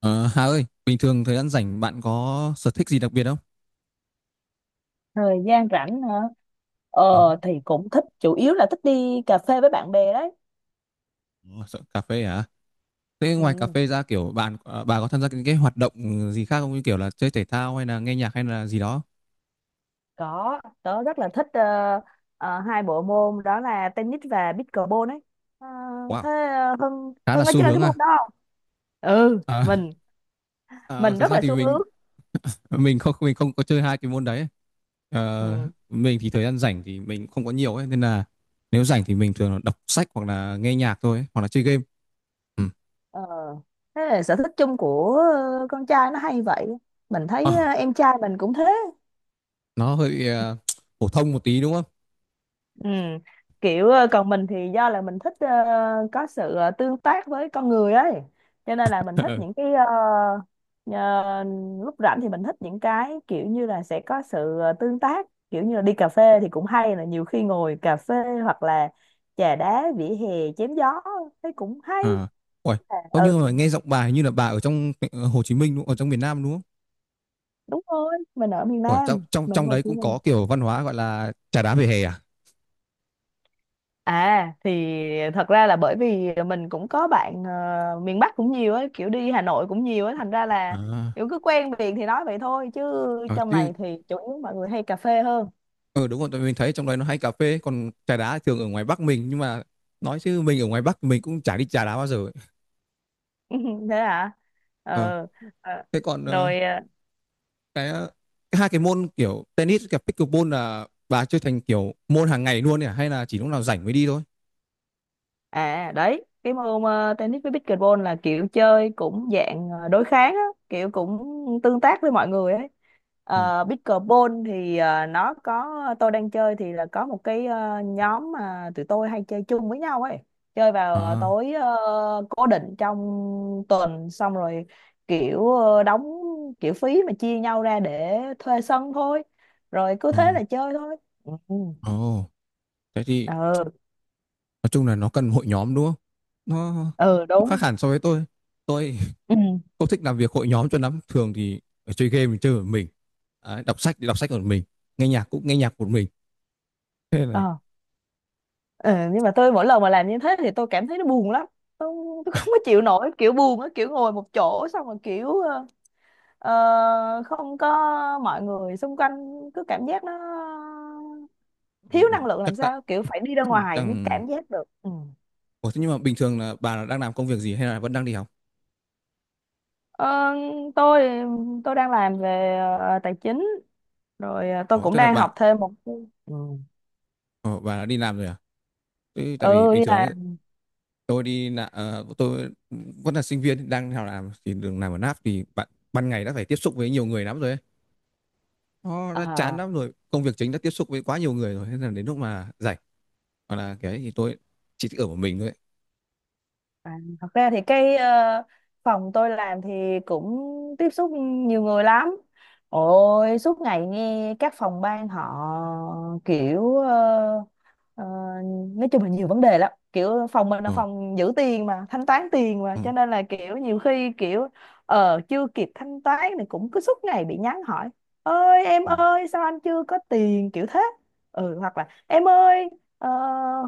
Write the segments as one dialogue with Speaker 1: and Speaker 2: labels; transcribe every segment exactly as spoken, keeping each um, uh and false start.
Speaker 1: Ờ, Hà ơi, bình thường thời gian rảnh bạn có sở thích gì đặc biệt không?
Speaker 2: Thời gian rảnh hả?
Speaker 1: Ừ.
Speaker 2: ờ thì cũng thích, chủ yếu là thích đi cà phê với bạn bè đấy.
Speaker 1: Ồ, sợ cà phê hả? Thế ngoài cà
Speaker 2: Ừ,
Speaker 1: phê ra kiểu bạn à, bà có tham gia những cái hoạt động gì khác không, như kiểu là chơi thể thao hay là nghe nhạc hay là gì đó?
Speaker 2: có tớ rất là thích, ờ, ờ, hai bộ môn đó là tennis và pickleball đấy. Ờ,
Speaker 1: Wow,
Speaker 2: thế ờ, Hưng
Speaker 1: khá là
Speaker 2: Hưng có
Speaker 1: xu
Speaker 2: chơi cái
Speaker 1: hướng à.
Speaker 2: môn đó không? Ừ,
Speaker 1: À,
Speaker 2: mình
Speaker 1: à
Speaker 2: mình
Speaker 1: thực
Speaker 2: rất
Speaker 1: ra
Speaker 2: là
Speaker 1: thì
Speaker 2: xu
Speaker 1: mình
Speaker 2: hướng.
Speaker 1: mình không, mình không có chơi hai cái môn đấy. Ờ,
Speaker 2: Ừ.
Speaker 1: mình thì thời gian rảnh thì mình không có nhiều ấy, nên là nếu rảnh thì mình thường là đọc sách hoặc là nghe nhạc thôi ấy, hoặc là chơi game. Ừ.
Speaker 2: ờ, Thế là sở thích chung của ờ, con trai nó hay vậy. Mình
Speaker 1: Ờ,
Speaker 2: thấy ờ, em trai mình cũng thế.
Speaker 1: nó hơi ờ, phổ thông một tí đúng không?
Speaker 2: Ừ. Kiểu ờ, còn mình thì do là mình thích, ờ, có sự ờ, tương tác với con người ấy, cho nên là mình thích những cái ờ, ờ, lúc rảnh thì mình thích những cái kiểu như là sẽ có sự ờ, tương tác, kiểu như là đi cà phê thì cũng hay, là nhiều khi ngồi cà phê hoặc là trà đá vỉa hè chém gió thấy cũng hay.
Speaker 1: À, ủa,
Speaker 2: À,
Speaker 1: có
Speaker 2: ừ,
Speaker 1: như mà nghe giọng bà hình như là bà ở trong ờ, Hồ Chí Minh đúng không? Ở trong miền Nam đúng không?
Speaker 2: đúng rồi, mình ở miền
Speaker 1: Ủa, trong
Speaker 2: Nam,
Speaker 1: trong
Speaker 2: mình
Speaker 1: trong
Speaker 2: Hồ
Speaker 1: đấy
Speaker 2: Chí
Speaker 1: cũng
Speaker 2: Minh.
Speaker 1: có kiểu văn hóa gọi là trà đá vỉa hè à?
Speaker 2: À thì thật ra là bởi vì mình cũng có bạn ờ, miền Bắc cũng nhiều ấy, kiểu đi Hà Nội cũng nhiều ấy, thành ra là
Speaker 1: À,
Speaker 2: kiểu cứ quen miệng thì nói vậy thôi, chứ
Speaker 1: à
Speaker 2: trong
Speaker 1: chứ
Speaker 2: này thì chủ yếu mọi người hay cà phê hơn.
Speaker 1: ừ, đúng rồi, tại vì mình thấy trong đấy nó hay cà phê, còn trà đá thường ở ngoài Bắc mình. Nhưng mà nói chứ mình ở ngoài Bắc mình cũng chả đi trà đá bao giờ ấy.
Speaker 2: Thế hả?
Speaker 1: Ờ,
Speaker 2: Ờ, ờ.
Speaker 1: thế còn ờ,
Speaker 2: rồi ờ,
Speaker 1: cái, ờ, cái hai cái môn kiểu tennis và pickleball là bà chơi thành kiểu môn hàng ngày luôn nhỉ? Hay là chỉ lúc nào rảnh mới đi thôi?
Speaker 2: À đấy, cái môn ờ, tennis với pickleball là kiểu chơi cũng dạng ờ, đối kháng á, kiểu cũng tương tác với mọi người ấy.
Speaker 1: Ừ.
Speaker 2: Uh, pickleball thì ờ, nó có, tôi đang chơi thì là có một cái ờ, nhóm mà tụi tôi hay chơi chung với nhau ấy. Chơi vào ờ,
Speaker 1: À,
Speaker 2: tối, ờ, cố định trong tuần, xong rồi kiểu ờ, đóng kiểu phí mà chia nhau ra để thuê sân thôi. Rồi cứ
Speaker 1: ờ,
Speaker 2: thế là chơi thôi. Ừ, ừ,
Speaker 1: ồ, thế thì
Speaker 2: ừ,
Speaker 1: nói chung là nó cần hội nhóm đúng không, nó,
Speaker 2: ừ,
Speaker 1: nó khác
Speaker 2: đúng.
Speaker 1: hẳn so với tôi tôi
Speaker 2: Ừ.
Speaker 1: không thích làm việc hội nhóm cho lắm. Thường thì ở chơi game thì chơi một mình, đấy, đọc sách thì đọc sách một mình, nghe nhạc cũng nghe nhạc một mình, thế là
Speaker 2: Ờ. Ừ, nhưng mà tôi mỗi lần mà làm như thế thì tôi cảm thấy nó buồn lắm. tôi, tôi không có chịu nổi kiểu buồn á, kiểu ngồi một chỗ xong rồi kiểu ờ, ờ, không có mọi người xung quanh, cứ cảm giác nó thiếu năng lượng
Speaker 1: chắc
Speaker 2: làm
Speaker 1: tại
Speaker 2: sao, kiểu phải đi ra ngoài mới
Speaker 1: chẳng.
Speaker 2: cảm giác được. Ừ.
Speaker 1: Ủa, thế nhưng mà bình thường là bà là đang làm công việc gì hay là vẫn đang đi học?
Speaker 2: Ờ, tôi tôi đang làm về ờ, tài chính, rồi ờ, tôi
Speaker 1: Ủa,
Speaker 2: cũng
Speaker 1: tức là
Speaker 2: đang
Speaker 1: bà,
Speaker 2: học thêm một. Ừ,
Speaker 1: ủa, bà đã đi làm rồi à? Thế tại vì
Speaker 2: ừ,
Speaker 1: bình
Speaker 2: đi
Speaker 1: thường nhá,
Speaker 2: làm.
Speaker 1: tôi đi là ờ, tôi vẫn là sinh viên đang đi học, làm thì đường làm ở en a pê thì bạn ban ngày đã phải tiếp xúc với nhiều người lắm rồi ấy. Nó
Speaker 2: Ờ.
Speaker 1: đã chán lắm rồi, công việc chính đã tiếp xúc với quá nhiều người rồi, thế là đến lúc mà rảnh hoặc là cái thì tôi chỉ thích ở một mình thôi ấy.
Speaker 2: À, thật ra thì cái ờ, phòng tôi làm thì cũng tiếp xúc nhiều người lắm. Ôi, suốt ngày nghe các phòng ban họ kiểu ờ, ờ, nói chung là nhiều vấn đề lắm. Kiểu phòng mình là
Speaker 1: Ờ,
Speaker 2: phòng giữ tiền mà, thanh toán tiền mà,
Speaker 1: ờ,
Speaker 2: cho nên là kiểu nhiều khi kiểu ờ chưa kịp thanh toán thì cũng cứ suốt ngày bị nhắn hỏi. Ơi em
Speaker 1: ờ.
Speaker 2: ơi, sao anh chưa có tiền kiểu thế? Ừ, hoặc là em ơi, Ờ,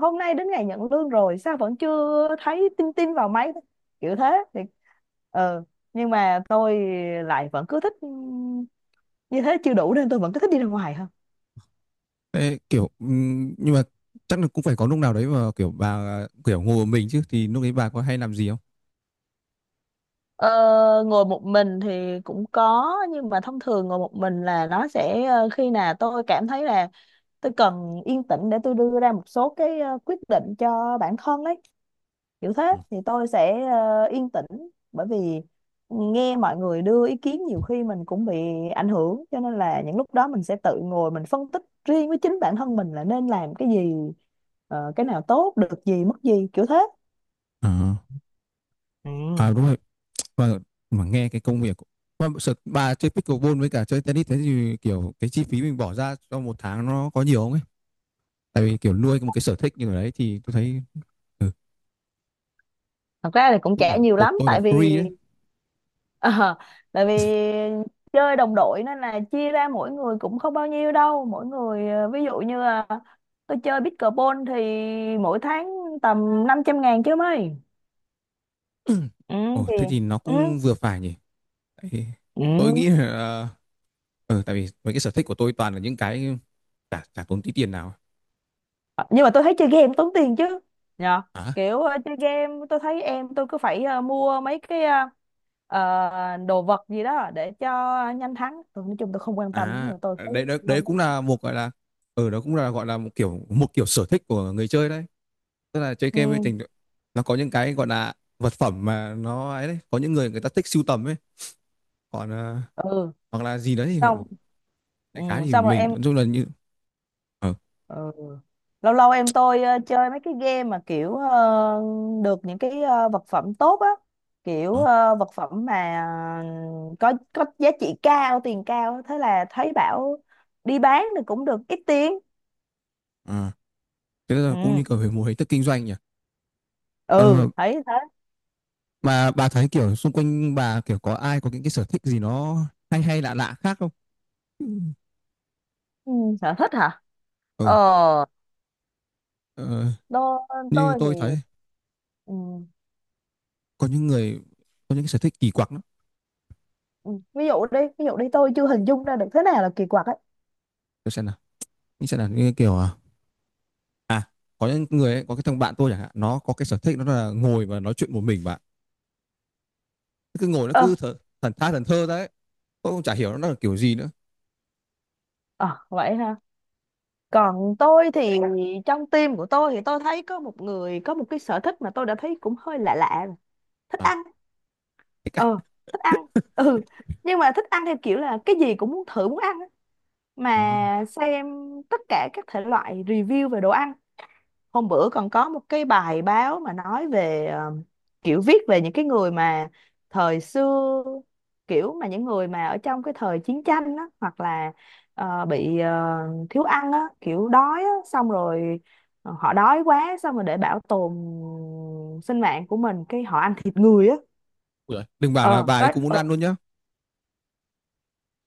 Speaker 2: hôm nay đến ngày nhận lương rồi sao vẫn chưa thấy tin tin vào máy, kiểu thế thì ờ nhưng mà tôi lại vẫn cứ thích, ừm, như thế chưa đủ nên tôi vẫn cứ thích đi ra ngoài hơn.
Speaker 1: Thế kiểu ừm, nhưng mà chắc là cũng phải có lúc nào đấy mà kiểu bà kiểu ngồi một mình chứ, thì lúc đấy bà có hay làm gì không?
Speaker 2: Ờ, ngồi một mình thì cũng có, nhưng mà thông thường ngồi một mình là nó sẽ ờ, khi nào tôi cảm thấy là tôi cần yên tĩnh để tôi đưa ra một số cái ờ, quyết định cho bản thân ấy, kiểu
Speaker 1: Ừ.
Speaker 2: thế thì tôi sẽ ờ, yên tĩnh, bởi vì nghe mọi người đưa ý kiến nhiều khi mình cũng bị ảnh hưởng, cho nên là những lúc đó mình sẽ tự ngồi mình phân tích riêng với chính bản thân mình là nên làm cái gì, ờ, cái nào tốt, được gì mất gì, kiểu thế.
Speaker 1: À, à
Speaker 2: Ừ.
Speaker 1: đúng rồi, và mà nghe cái công việc của- mà sợ bà chơi pickleball với cả chơi tennis, thế thì kiểu cái chi phí mình bỏ ra cho một tháng nó có nhiều không ấy? Tại vì kiểu nuôi một cái sở thích như thế đấy thì tôi thấy ừ,
Speaker 2: Thật ra thì cũng
Speaker 1: cái kiểu
Speaker 2: trẻ nhiều
Speaker 1: của
Speaker 2: lắm,
Speaker 1: tôi là
Speaker 2: tại vì
Speaker 1: free đấy.
Speaker 2: Ờ, tại vì chơi đồng đội nên là chia ra mỗi người cũng không bao nhiêu đâu, mỗi người ờ, ví dụ như là tôi chơi pickleball thì mỗi tháng tầm năm trăm ngàn chứ mấy. Ừ
Speaker 1: Ồ,
Speaker 2: thì.
Speaker 1: thế thì nó
Speaker 2: Ừ,
Speaker 1: cũng vừa phải nhỉ? Tại- tôi
Speaker 2: ừ.
Speaker 1: nghĩ là ừ, tại vì mấy cái sở thích của tôi toàn là những cái chả chả tốn tí tiền nào.
Speaker 2: Ờ, nhưng mà tôi thấy chơi game tốn tiền chứ nhờ,
Speaker 1: À,
Speaker 2: kiểu ờ, chơi game tôi thấy em tôi cứ phải ờ, mua mấy cái ờ, ờ, đồ vật gì đó để cho nhanh thắng, tôi nói chung tôi không quan tâm lắm, nhưng
Speaker 1: à
Speaker 2: mà tôi thấy
Speaker 1: đấy đấy, đấy
Speaker 2: không.
Speaker 1: cũng là một gọi là ừ, đó cũng là gọi là một kiểu một kiểu sở thích của người chơi đấy, tức là chơi game với
Speaker 2: Ừ,
Speaker 1: tình nó có những cái gọi là vật phẩm mà nó ấy đấy, có những người, người ta thích sưu tầm ấy, còn ờ,
Speaker 2: ừ,
Speaker 1: hoặc là gì đấy, hoặc
Speaker 2: xong. Ừ,
Speaker 1: đại khái thì
Speaker 2: xong rồi
Speaker 1: mình
Speaker 2: em.
Speaker 1: nói chung là như ờ,
Speaker 2: Ừ. Lâu lâu em tôi ờ, chơi mấy cái game mà kiểu ờ, được những cái ờ, vật phẩm tốt á, kiểu
Speaker 1: đó
Speaker 2: ờ, vật phẩm mà ờ, có có giá trị cao, tiền cao, thế là thấy bảo đi bán thì cũng được ít tiền.
Speaker 1: à. Thế là cũng như
Speaker 2: Ừ,
Speaker 1: kiểu về một hình thức kinh doanh nhỉ. Ờ,
Speaker 2: ừ, thấy thế.
Speaker 1: mà bà thấy kiểu xung quanh bà kiểu có ai có những cái sở thích gì nó hay hay lạ lạ khác không?
Speaker 2: Ừ, sở thích hả? Ờ,
Speaker 1: Ừ, ờ,
Speaker 2: tôi
Speaker 1: như
Speaker 2: tôi thì.
Speaker 1: tôi thấy
Speaker 2: Ừ,
Speaker 1: có những người có những cái sở thích kỳ quặc lắm.
Speaker 2: ừ, ví dụ đi, ví dụ đi, tôi chưa hình dung ra được thế nào là kỳ quặc ấy.
Speaker 1: Tôi xem nào, như xem nào, như kiểu à, à có những người ấy, có cái thằng bạn tôi chẳng hạn, nó có cái sở thích nó là ngồi và nói chuyện một mình bạn. Nó cứ ngồi nó cứ
Speaker 2: Ờ,
Speaker 1: thờ, thần tha thần thơ đấy. Tôi cũng chả hiểu nó là kiểu gì nữa.
Speaker 2: ờ vậy hả? Còn tôi thì trong team của tôi thì tôi thấy có một người có một cái sở thích mà tôi đã thấy cũng hơi lạ lạ rồi. Thích
Speaker 1: À,
Speaker 2: ăn. ờ Thích ăn, ừ, nhưng mà thích ăn theo kiểu là cái gì cũng muốn thử muốn ăn á.
Speaker 1: đó.
Speaker 2: Mà xem tất cả các thể loại review về đồ ăn. Hôm bữa còn có một cái bài báo mà nói về ờ, kiểu viết về những cái người mà thời xưa, kiểu mà những người mà ở trong cái thời chiến tranh á, hoặc là ờ, bị ờ, thiếu ăn á, kiểu đói á, xong rồi ờ, họ đói quá, xong rồi để bảo tồn sinh mạng của mình cái họ ăn thịt người á.
Speaker 1: Ui giời, đừng bảo là
Speaker 2: Ờ,
Speaker 1: bà ấy
Speaker 2: có.
Speaker 1: cũng muốn
Speaker 2: ờ,
Speaker 1: ăn luôn nhá.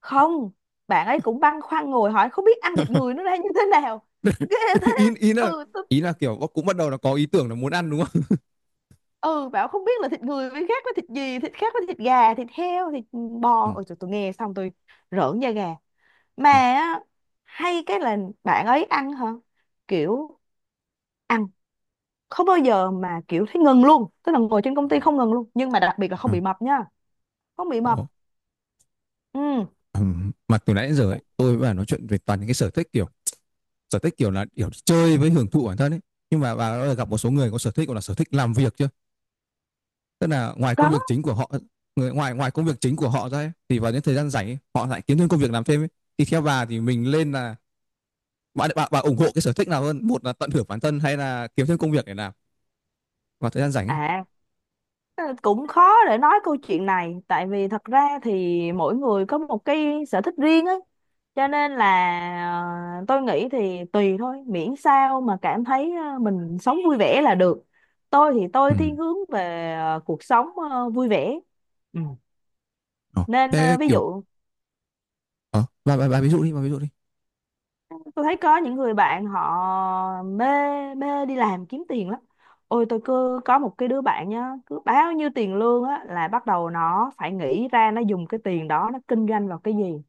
Speaker 2: Không, bạn ấy cũng băn khoăn ngồi hỏi không biết ăn thịt người nó ra như thế nào. Ghê thế.
Speaker 1: Ý ý là
Speaker 2: Ừ,
Speaker 1: ý là kiểu cũng bắt đầu là có ý tưởng là muốn ăn đúng không?
Speaker 2: ừ, bảo không biết là thịt người với khác với thịt gì, thịt khác với thịt gà, thịt heo, thịt
Speaker 1: Ừ.
Speaker 2: bò. Ôi trời, tôi nghe xong tôi rợn da gà. Mà
Speaker 1: Ờ,
Speaker 2: á, hay cái là bạn ấy ăn hả, kiểu ăn không bao giờ mà kiểu thấy ngừng luôn, tức là ngồi trên công ty
Speaker 1: ờ.
Speaker 2: không ngừng luôn, nhưng mà đặc biệt là không
Speaker 1: Ừ.
Speaker 2: bị mập nha. Không bị mập.
Speaker 1: Ồ.
Speaker 2: Ừ.
Speaker 1: Ừm, mà từ nãy đến giờ ấy, tôi và nói chuyện về toàn những cái sở thích kiểu sở thích kiểu là kiểu chơi với hưởng thụ bản thân ấy, nhưng mà bà đã gặp một số người có sở thích gọi là sở thích làm việc chưa, tức là ngoài công
Speaker 2: Có
Speaker 1: việc chính của họ, người ngoài ngoài công việc chính của họ ra ấy, thì vào những thời gian rảnh ấy, họ lại kiếm thêm công việc làm thêm ấy. Thì theo bà thì mình lên là bà, bà bà ủng hộ cái sở thích nào hơn, một là tận hưởng bản thân hay là kiếm thêm công việc để làm vào thời gian rảnh ấy?
Speaker 2: à. Ờ, cũng khó để nói câu chuyện này, tại vì thật ra thì mỗi người có một cái sở thích riêng ấy, cho nên là ờ, tôi nghĩ thì tùy thôi, miễn sao mà cảm thấy ờ, mình sống vui vẻ là được. Tôi thì
Speaker 1: Ừ.
Speaker 2: tôi thiên hướng về ờ, cuộc sống ờ, vui vẻ. Ừ.
Speaker 1: Ờ.
Speaker 2: Nên
Speaker 1: Thế
Speaker 2: ờ, ví
Speaker 1: kiểu
Speaker 2: dụ
Speaker 1: ờ, bà, bà, bà ví dụ đi, bà ví dụ đi.
Speaker 2: tôi thấy có những người bạn họ mê mê đi làm kiếm tiền lắm. Ôi, tôi cứ có một cái đứa bạn nhá, cứ bao nhiêu tiền lương á là bắt đầu nó phải nghĩ ra nó dùng cái tiền đó nó kinh doanh vào cái gì.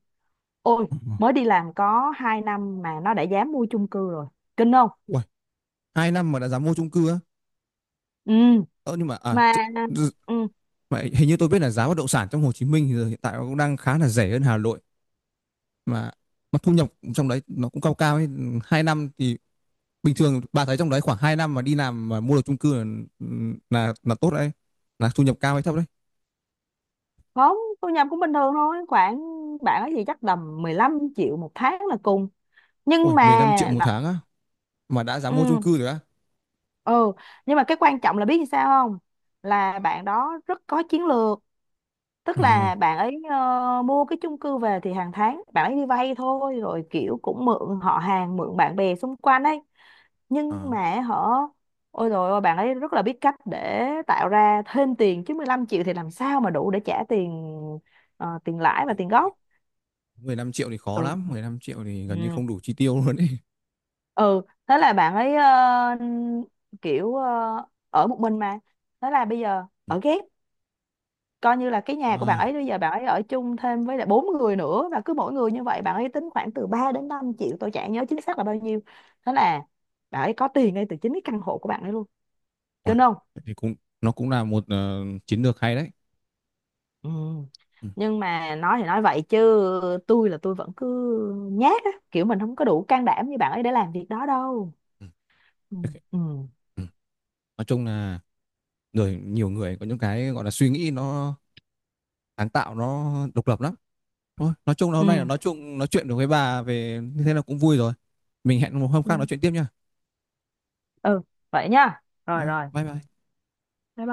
Speaker 2: Ôi,
Speaker 1: Ờ, ờ.
Speaker 2: mới đi làm có hai năm mà nó đã dám mua chung cư rồi, kinh không?
Speaker 1: Uầy, hai năm mà đã dám mua chung cư á?
Speaker 2: Ừ,
Speaker 1: Ờ, nhưng mà à,
Speaker 2: mà. Ừ,
Speaker 1: mà hình như tôi biết là giá bất động sản trong Hồ Chí Minh thì giờ hiện tại nó cũng đang khá là rẻ hơn Hà Nội, mà mà thu nhập trong đấy nó cũng cao cao ấy. Hai năm thì bình thường bà thấy trong đấy, khoảng hai năm mà đi làm mà mua được chung cư là, là, là tốt đấy, là thu nhập cao hay thấp đấy?
Speaker 2: không, tôi nhập cũng bình thường thôi, khoảng bạn ấy gì chắc tầm mười lăm triệu một tháng là cùng,
Speaker 1: Ui,
Speaker 2: nhưng
Speaker 1: mười lăm triệu
Speaker 2: mà
Speaker 1: một
Speaker 2: nó-
Speaker 1: tháng á mà đã dám
Speaker 2: Ừ.
Speaker 1: mua chung cư rồi á?
Speaker 2: Ừ, nhưng mà cái quan trọng là biết như sao không, là bạn đó rất có chiến lược, tức
Speaker 1: Ờ,
Speaker 2: là bạn ấy ờ, mua cái chung cư về thì hàng tháng bạn ấy đi vay thôi, rồi kiểu cũng mượn họ hàng, mượn bạn bè xung quanh ấy, nhưng
Speaker 1: ờ.
Speaker 2: mà họ, ôi rồi, ôi bạn ấy rất là biết cách để tạo ra thêm tiền, chứ mười lăm triệu thì làm sao mà đủ để trả tiền ờ, tiền lãi và
Speaker 1: Đúng,
Speaker 2: tiền gốc.
Speaker 1: mười lăm triệu thì khó
Speaker 2: Ừ.
Speaker 1: lắm, mười lăm triệu thì gần như
Speaker 2: Ừ.
Speaker 1: không đủ chi tiêu luôn ấy.
Speaker 2: Ừ, thế là bạn ấy ờ, kiểu ờ, ở một mình mà, thế là bây giờ ở ghép, coi như là cái nhà của bạn
Speaker 1: À,
Speaker 2: ấy bây giờ bạn ấy ở chung thêm với lại bốn người nữa, và cứ mỗi người như vậy bạn ấy tính khoảng từ ba đến năm triệu, tôi chả nhớ chính xác là bao nhiêu. Thế là bạn ấy có tiền ngay từ chính cái căn hộ của bạn ấy luôn,
Speaker 1: ui,
Speaker 2: kinh không?
Speaker 1: thế thì cũng nó cũng là một ờ, chiến lược hay đấy.
Speaker 2: Ừ.
Speaker 1: Ừ,
Speaker 2: Nhưng mà nói thì nói vậy chứ tôi là tôi vẫn cứ nhát á, kiểu mình không có đủ can đảm như bạn ấy để làm việc đó đâu.
Speaker 1: ừ.
Speaker 2: Ừ.
Speaker 1: Ok.
Speaker 2: Ừ.
Speaker 1: Ừ. Nói chung là rồi nhiều người có những cái gọi là suy nghĩ nó sáng tạo, nó độc lập lắm. Thôi nói chung là hôm nay là
Speaker 2: Ừ.
Speaker 1: nói chung nói chuyện được với bà về như thế là cũng vui rồi, mình hẹn một hôm khác nói chuyện tiếp nha.
Speaker 2: Ừ, vậy nha, rồi
Speaker 1: Ờ,
Speaker 2: rồi.
Speaker 1: bye bye.
Speaker 2: Bye bye.